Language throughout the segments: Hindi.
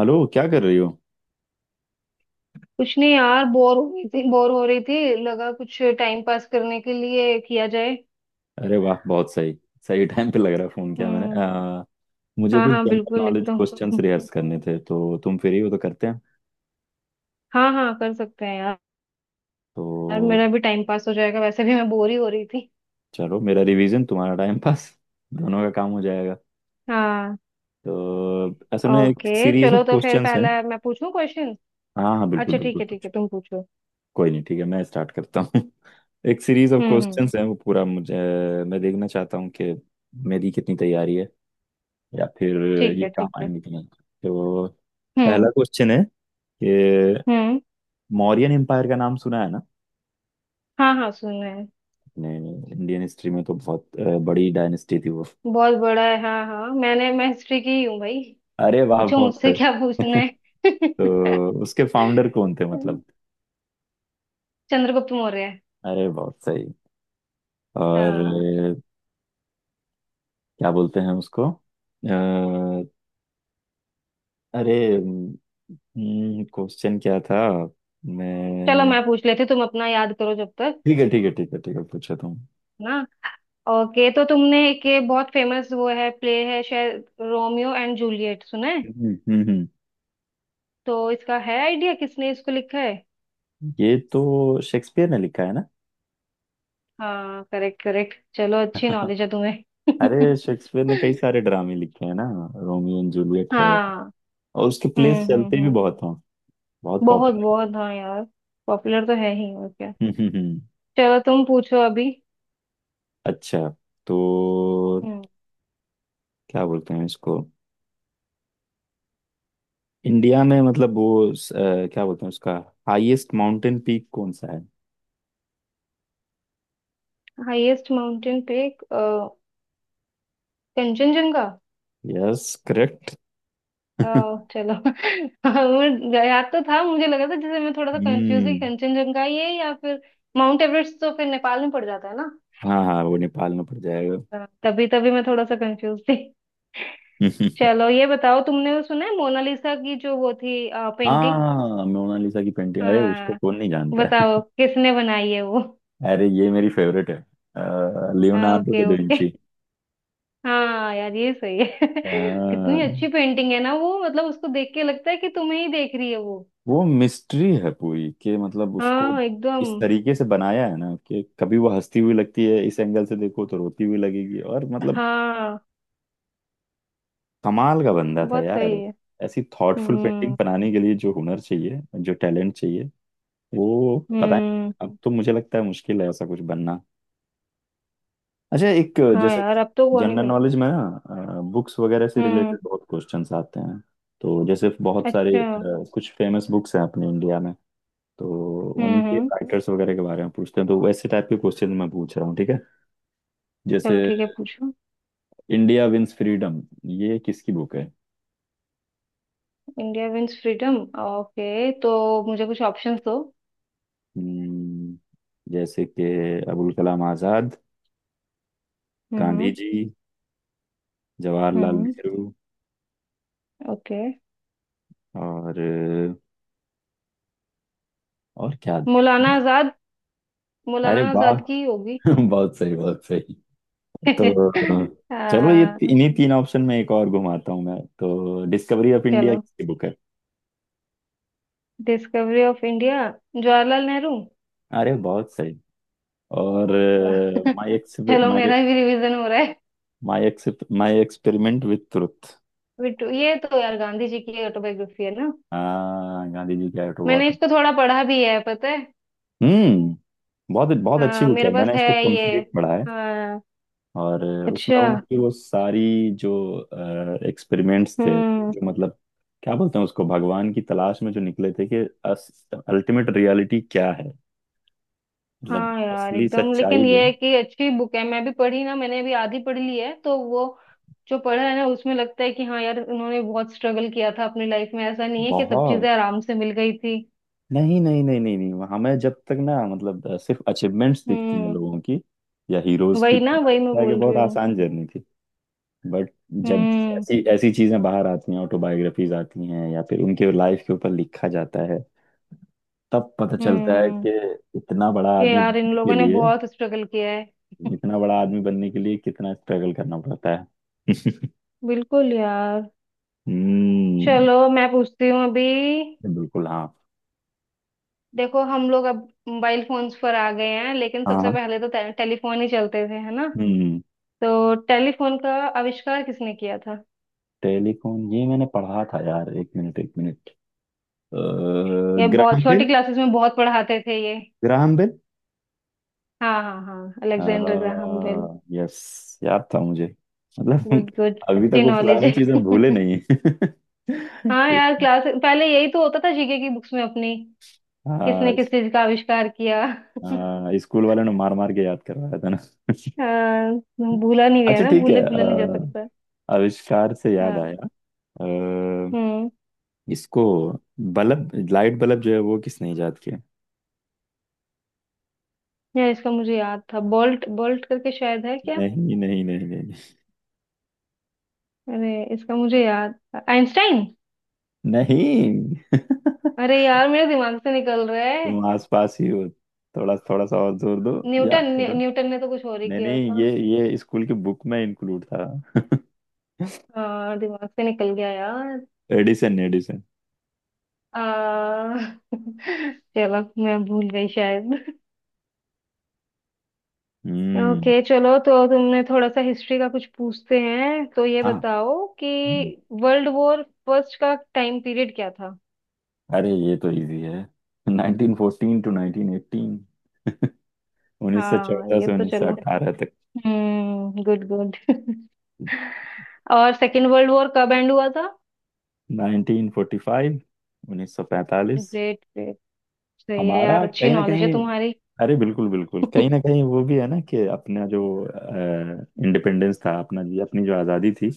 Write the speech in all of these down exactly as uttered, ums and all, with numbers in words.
हेलो, क्या कर रही हो। कुछ नहीं यार। बोर हो रही थी, बोर हो रही थी। लगा कुछ टाइम पास करने के लिए किया जाए। अरे वाह, बहुत सही। सही टाइम पे लग रहा है फोन किया मैंने। हम्म। अ, मुझे हाँ कुछ हाँ जनरल बिल्कुल नॉलेज एकदम। क्वेश्चंस रिहर्स करने थे, तो तुम फ्री हो तो करते हैं। हाँ हाँ कर सकते हैं यार। यार तो मेरा भी टाइम पास हो जाएगा, वैसे भी मैं बोर ही हो रही थी। चलो, मेरा रिवीजन, तुम्हारा टाइम पास, दोनों का काम हो जाएगा। हाँ। तो असल में एक ओके, सीरीज ऑफ चलो तो फिर क्वेश्चंस हैं। पहला मैं पूछूं क्वेश्चन। हाँ हाँ, बिल्कुल अच्छा ठीक बिल्कुल, है, ठीक कुछ। है तुम पूछो। कोई नहीं, ठीक है, मैं स्टार्ट करता हूँ। एक series of hmm hmm. Questions हैं वो पूरा मुझे, मैं देखना चाहता हूँ कि मेरी कितनी तैयारी है या फिर ठीक ये है काम ठीक है। आएंगे कि नहीं। तो हम्म पहला क्वेश्चन है कि हम्म। मौर्यन एम्पायर का नाम सुना है ना, हाँ हाँ सुना है। अपने इंडियन हिस्ट्री में तो बहुत अ, बड़ी डायनेस्टी थी वो। बहुत बड़ा है, हाँ हाँ, मैंने मैं हिस्ट्री की ही हूँ भाई। अरे वाह, पूछो बहुत मुझसे सही। क्या पूछना है। तो उसके फाउंडर कौन थे, मतलब। चंद्रगुप्त मौर्य। अरे बहुत सही। और हाँ। अ, क्या बोलते हैं उसको। अ, अरे, क्वेश्चन क्या था चलो मैं। मैं पूछ लेती हूँ, तुम अपना याद करो जब तक। ठीक है ठीक है, ठीक है ठीक है, पूछो तुम। है ना। ओके, तो तुमने एक ये बहुत फेमस वो है, प्ले है शायद, रोमियो एंड जूलियट सुना है। हम्म हम्म हम्म। तो इसका है आइडिया, किसने इसको लिखा है। ये तो शेक्सपियर ने लिखा है ना। हाँ करेक्ट करेक्ट, चलो अच्छी नॉलेज है तुम्हें। अरे, शेक्सपियर ने कई सारे ड्रामे लिखे हैं ना, रोमियो एंड जूलियट है हाँ। और उसके प्लेस हम्म हम्म चलते भी हम्म। बहुत हैं, बहुत बहुत पॉपुलर। बहुत हाँ यार। पॉपुलर तो है ही, और क्या। हम्म हम्म, हम्म। चलो तुम पूछो अभी। अच्छा, तो हम्म। क्या बोलते हैं इसको, इंडिया में मतलब वो स- अ, क्या बोलते हैं उसका, हाईएस्ट माउंटेन पीक कौन सा है। हाईएस्ट माउंटेन पे। कंचनजंगा। Yes, correct. आओ चलो। मैं गया तो था, मुझे लगा था जैसे मैं थोड़ा सा कंफ्यूज ही, हम्म। कंचनजंगा ही है या फिर माउंट एवरेस्ट, तो फिर नेपाल में पड़ जाता है ना। हाँ हाँ, वो नेपाल में पड़ जाएगा। हाँ। तभी तभी मैं थोड़ा सा कंफ्यूज थी। चलो ये बताओ, तुमने वो सुना है मोनालिसा की, जो वो थी पेंटिंग। हाँ, मोनालिसा की पेंटिंग, अरे उसको हाँ। कौन नहीं जानता है। बताओ किसने बनाई है वो। अरे ये मेरी फेवरेट है, हाँ, Leonardo da okay okay. Vinci. हाँ यार ये सही है। कितनी हाँ। अच्छी पेंटिंग है ना वो, मतलब उसको देख के लगता है कि तुम्हें ही देख रही है वो। वो मिस्ट्री है पूरी कि मतलब उसको हाँ एकदम। इस तरीके से बनाया है ना कि कभी वो हंसती हुई लगती है, इस एंगल से देखो तो रोती हुई लगेगी, और मतलब हाँ। कमाल का बंदा था बहुत यार। सही है। ऐसी थॉटफुल पेंटिंग हम्म। बनाने के लिए जो हुनर चाहिए, जो टैलेंट चाहिए, वो पता नहीं। हम्म। अब तो मुझे लगता है मुश्किल है ऐसा कुछ बनना। अच्छा, एक हाँ जैसे यार, अब तो वो नहीं जनरल बना। नॉलेज में ना बुक्स वगैरह से हम्म। रिलेटेड बहुत क्वेश्चंस आते हैं। तो जैसे बहुत सारे अच्छा। अ, कुछ फेमस बुक्स हैं अपने इंडिया में, तो हम्म उनके हम्म। राइटर्स वगैरह के बारे में पूछते हैं, तो वैसे टाइप के क्वेश्चन मैं पूछ रहा हूँ, ठीक है। जैसे चलो ठीक है पूछो। इंडिया विंस फ्रीडम, ये किसकी बुक है। India wins freedom. ओके, तो मुझे कुछ ऑप्शंस दो। हम्म, जैसे कि अबुल कलाम आजाद, गांधी हम्म जी, जवाहरलाल हम्म। नेहरू, ओके। और और क्या। मौलाना आजाद, अरे मौलाना वाह। आजाद की होगी। बहुत सही, बहुत सही। तो चलो, ये आ, ती- इन्हीं तीन ऑप्शन में एक और घुमाता हूँ मैं, तो डिस्कवरी ऑफ इंडिया चलो। किसकी बुक है। Discovery of India. Jawaharlal Nehru. अरे बहुत सही। और आ, माई चलो मेरा भी रिवीजन हो रहा है। My except my experiment with truth. Bittu, ये तो यार गांधी जी की ऑटोबायोग्राफी है ना। हाँ, गांधी जी की, टू मैंने वाटर। इसको थोड़ा पढ़ा भी है, पता है। हम्म। बहुत बहुत अच्छी हाँ बुक है, मेरे पास मैंने है इसको ये। कंप्लीट पढ़ा है। हाँ। और उसमें अच्छा। उनकी वो सारी जो एक्सपेरिमेंट्स थे, हम्म। जो मतलब क्या बोलते हैं उसको, भगवान की तलाश में जो निकले थे कि अल्टीमेट रियलिटी क्या है, मतलब हाँ यार असली एकदम, सच्चाई लेकिन जो ये है, है कि अच्छी बुक है, मैं भी पढ़ी ना, मैंने भी आधी पढ़ ली है, तो वो जो पढ़ा है ना उसमें लगता है कि हाँ यार उन्होंने बहुत स्ट्रगल किया था अपनी लाइफ में, ऐसा नहीं है कि सब चीजें बहुत। आराम से मिल गई थी। नहीं नहीं नहीं नहीं नहीं, हमें जब तक ना मतलब अ, सिर्फ अचीवमेंट्स दिखती हैं हम्म। लोगों की, या हीरोज की, वही तो ना, हमें वही मैं लगता है कि बोल बहुत रही हूँ। आसान जर्नी थी। बट जब हम्म ऐसी ऐसी चीजें बाहर आती हैं, ऑटोबायोग्राफीज आती हैं या फिर उनके लाइफ के ऊपर लिखा जाता है, तब पता चलता है हम्म। कि इतना बड़ा कि आदमी यार इन बनने के लोगों ने लिए, बहुत स्ट्रगल किया है। इतना बड़ा आदमी बनने के लिए कितना स्ट्रगल करना पड़ता है। बिल्कुल यार। हम्म। चलो मैं पूछती हूँ अभी। बिल्कुल हाँ, देखो, हम लोग अब मोबाइल फोन्स पर आ गए हैं लेकिन हाँ। सबसे हाँ। पहले तो टे- टेलीफोन ही चलते थे, है ना। हम्म। तो टेलीफोन का आविष्कार किसने किया था। टेलीकॉम, ये मैंने पढ़ा था यार, एक मिनट एक मिनट, ये बहुत ग्राहम छोटी बेल। क्लासेस में बहुत पढ़ाते थे ये। Graham Bell. हाँ हाँ हाँ, अलेक्जेंडर ग्राहम बेल। हाँ यस, याद था मुझे, मतलब गुड गुड, अभी तक अच्छी वो नॉलेज पुरानी है। चीजें भूले नहीं। हाँ यार, क्लास पहले यही तो होता था जी के की बुक्स में अपनी। हाँ किसने किस इस- चीज का आविष्कार किया। हाँ, स्कूल वालों ने मार मार के याद करवाया था ना। हाँ, भूला नहीं गया अच्छा ना, ठीक है, भूले भूला नहीं जा सकता। अ, आविष्कार से याद हाँ। आया। अ, हम्म। इसको बल्ब लाइट बल्ब जो है वो किसने इजाद किया। यार इसका मुझे याद था, बोल्ट बोल्ट करके शायद है। नहीं नहीं नहीं नहीं अरे इसका मुझे याद, आइंस्टाइन। नहीं। अरे यार मेरे दिमाग से निकल रहा है। तुम आसपास ही हो, थोड़ा थोड़ा सा और जोर दो, न्यूटन याद न्यू- करो। न्यूटन ने तो कुछ और ही नहीं किया नहीं, था। ये ये स्कूल की बुक में इंक्लूड था। आ, दिमाग से निकल गया यार। Edison Edison. आ, चलो मैं भूल गई शायद। हम्म। ओके, चलो तो तुमने थोड़ा सा हिस्ट्री का कुछ पूछते हैं, तो ये हाँ। बताओ कि हम्म। वर्ल्ड वॉर फर्स्ट का टाइम पीरियड क्या था। अरे ये तो इजी है, nineteen fourteen to nineteen eighteen, हाँ उन्नीस सौ चौदह ये से तो चलो। उन्नीस सौ अठारह तक। हम्म, गुड गुड। और सेकंड वर्ल्ड वॉर कब एंड हुआ था। उन्नीस सौ पैंतालीस। उन्नीस सौ पैंतालीस। ग्रेट। सही है हमारा यार, अच्छी कहीं ना नॉलेज है कहीं, तुम्हारी। अरे बिल्कुल बिल्कुल, कहीं ना कहीं वो भी है ना कि अपना जो इंडिपेंडेंस था अपना, जी, अपनी जो आज़ादी थी,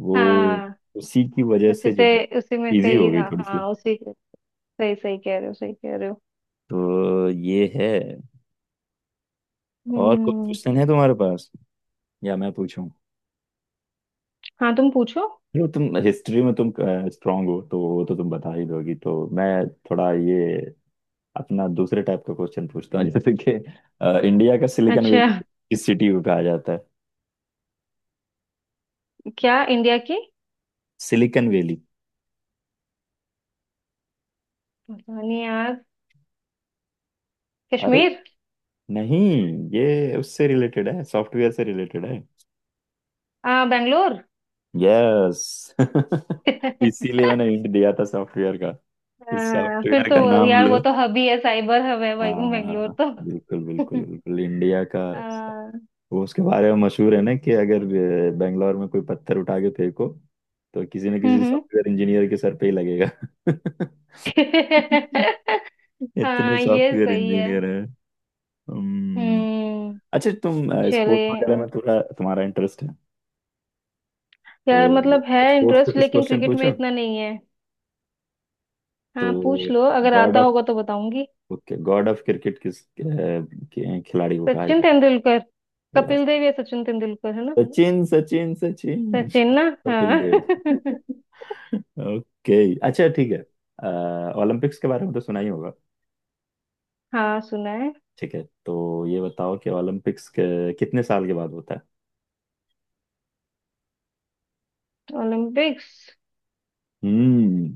वो हाँ, उसी की वजह उसी से जो से, है, उसी में से इजी हो ही गई था, थोड़ी सी। हाँ उसी से। सही सही कह रहे हो, सही कह रहे हो। तो ये है। और कोई हम्म। क्वेश्चन है तुम्हारे पास, या मैं पूछूं। हाँ तुम पूछो। जो तुम हिस्ट्री में तुम स्ट्रांग हो तो वो तो तुम बता ही दोगी, तो मैं थोड़ा ये अपना दूसरे टाइप का क्वेश्चन पूछता हूँ, जैसे कि अ, इंडिया का सिलिकन अच्छा। वैली किस सिटी को कहा जाता है। क्या इंडिया की सिलिकन वैली। राजधानी यार। अरे, कश्मीर। नहीं, ये उससे रिलेटेड है, सॉफ्टवेयर से रिलेटेड है। आ बेंगलोर। यस। इसीलिए मैंने हिंट दिया था सॉफ्टवेयर का। इस आ, फिर सॉफ्टवेयर तो का वो- नाम यार, लो। वो तो हब ही है, साइबर हब है हाँ भाई हाँ, हाँ, बेंगलोर हाँ। तो। बिल्कुल बिल्कुल बिल्कुल, इंडिया का आ, वो उसके बारे में मशहूर है ना कि अगर अ, बैंगलोर में कोई पत्थर उठा के फेंको, तो किसी न किसी हम्म। सॉफ्टवेयर इंजीनियर के सर पे ही लगेगा। इतने हाँ ये सॉफ्टवेयर सही है। इंजीनियर है। हम्म। हम्म। अच्छा, तुम चलिए, स्पोर्ट्स वगैरह और। में थोड़ा तुम्हारा इंटरेस्ट है, यार तो मतलब है स्पोर्ट्स पे इंटरेस्ट, कुछ लेकिन क्वेश्चन क्रिकेट में पूछो। इतना नहीं है। हाँ पूछ तो लो, अगर गॉड आता ऑफ होगा तो बताऊंगी। ओके, गॉड ऑफ क्रिकेट किस अ, के- कखिलाड़ी को कहा सचिन जाता तेंदुलकर। है। यस, कपिल देव या सचिन तेंदुलकर है ना। सचिन सचिन सचिन। सचिन ना। कपिल देव। हाँ। ओके। अच्छा ठीक है, अ, ओलंपिक्स के बारे में तो सुना ही होगा। हाँ सुना है। ठीक है, तो ये बताओ कि ओलंपिक्स के कितने साल के बाद होता है। ओलंपिक्स। हम्म।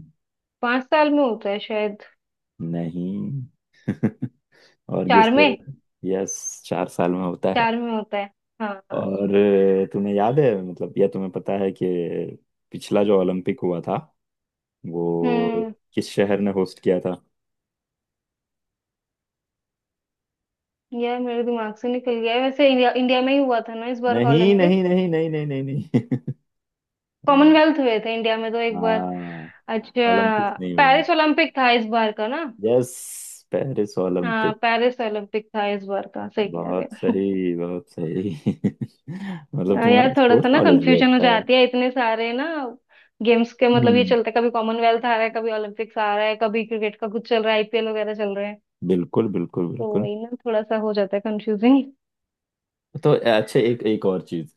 पांच साल में होता है शायद। नहीं। और गेस चार में। करो। यस, चार साल में होता है। चार में होता है। हाँ हाँ। और अ, तुम्हें याद है, मतलब या तुम्हें पता है कि पिछला जो ओलंपिक हुआ था वो हम्म। किस शहर ने होस्ट किया था। यार मेरे दिमाग से निकल गया है। वैसे इंडिया, इंडिया में ही हुआ था ना इस बार का नहीं नहीं ओलंपिक। नहीं नहीं नहीं नहीं नहीं। कॉमनवेल्थ हुए थे इंडिया में तो एक बार। हाँ, अच्छा। ओलंपिक्स नहीं हुए। पेरिस ओलंपिक था इस बार का ना। यस, पेरिस हाँ ओलंपिक। पेरिस ओलंपिक था इस बार का, सही कह रहे बहुत हो। सही, बहुत सही। मतलब हाँ, यार तुम्हारा थोड़ा स्पोर्ट्स सा ना नॉलेज भी कंफ्यूजन हो अच्छा है। जाती है, इतने सारे ना गेम्स के, मतलब ये हम्म। चलते, कभी कॉमनवेल्थ आ रहा है, कभी ओलंपिक्स आ रहा है, कभी क्रिकेट का कुछ चल रहा है, आई पी एल वगैरह चल रहे हैं। बिल्कुल बिल्कुल तो बिल्कुल। वही ना थोड़ा सा हो जाता है कंफ्यूजिंग। तो अच्छा, एक एक और चीज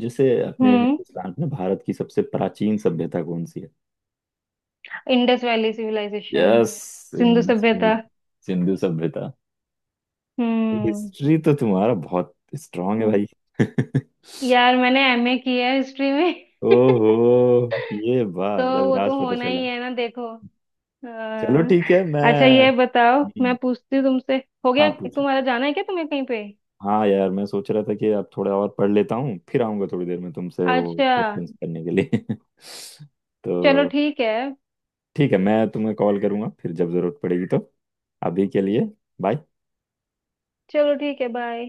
जैसे अपने हम्म। हिंदुस्तान में, भारत की सबसे प्राचीन सभ्यता कौन सी है। Indus valley civilisation. Yes, Sindhu सभ्यता। सिंधु, सिंधु सभ्यता। हम्म। हिस्ट्री तो तुम्हारा बहुत स्ट्रांग है भाई। यार मैंने एम ए किया है हिस्ट्री में। ओहो, ये तो बात अब वो तो राज पता होना चला। ही है ना देखो। अ, चलो ठीक है, अच्छा मैं। ये बताओ, मैं हम्म। पूछती हूँ तुमसे। हो हाँ, गया। पूछो। तुम्हारा जाना है क्या, तुम्हें कहीं पे। हाँ यार, मैं सोच रहा था कि अब थोड़ा और पढ़ लेता हूँ, फिर आऊंगा थोड़ी देर में तुमसे वो अच्छा। क्वेश्चंस करने के लिए। चलो तो ठीक है। ठीक है, मैं तुम्हें कॉल करूंगा फिर जब जरूरत पड़ेगी, तो अभी के लिए बाय। चलो ठीक है, बाय।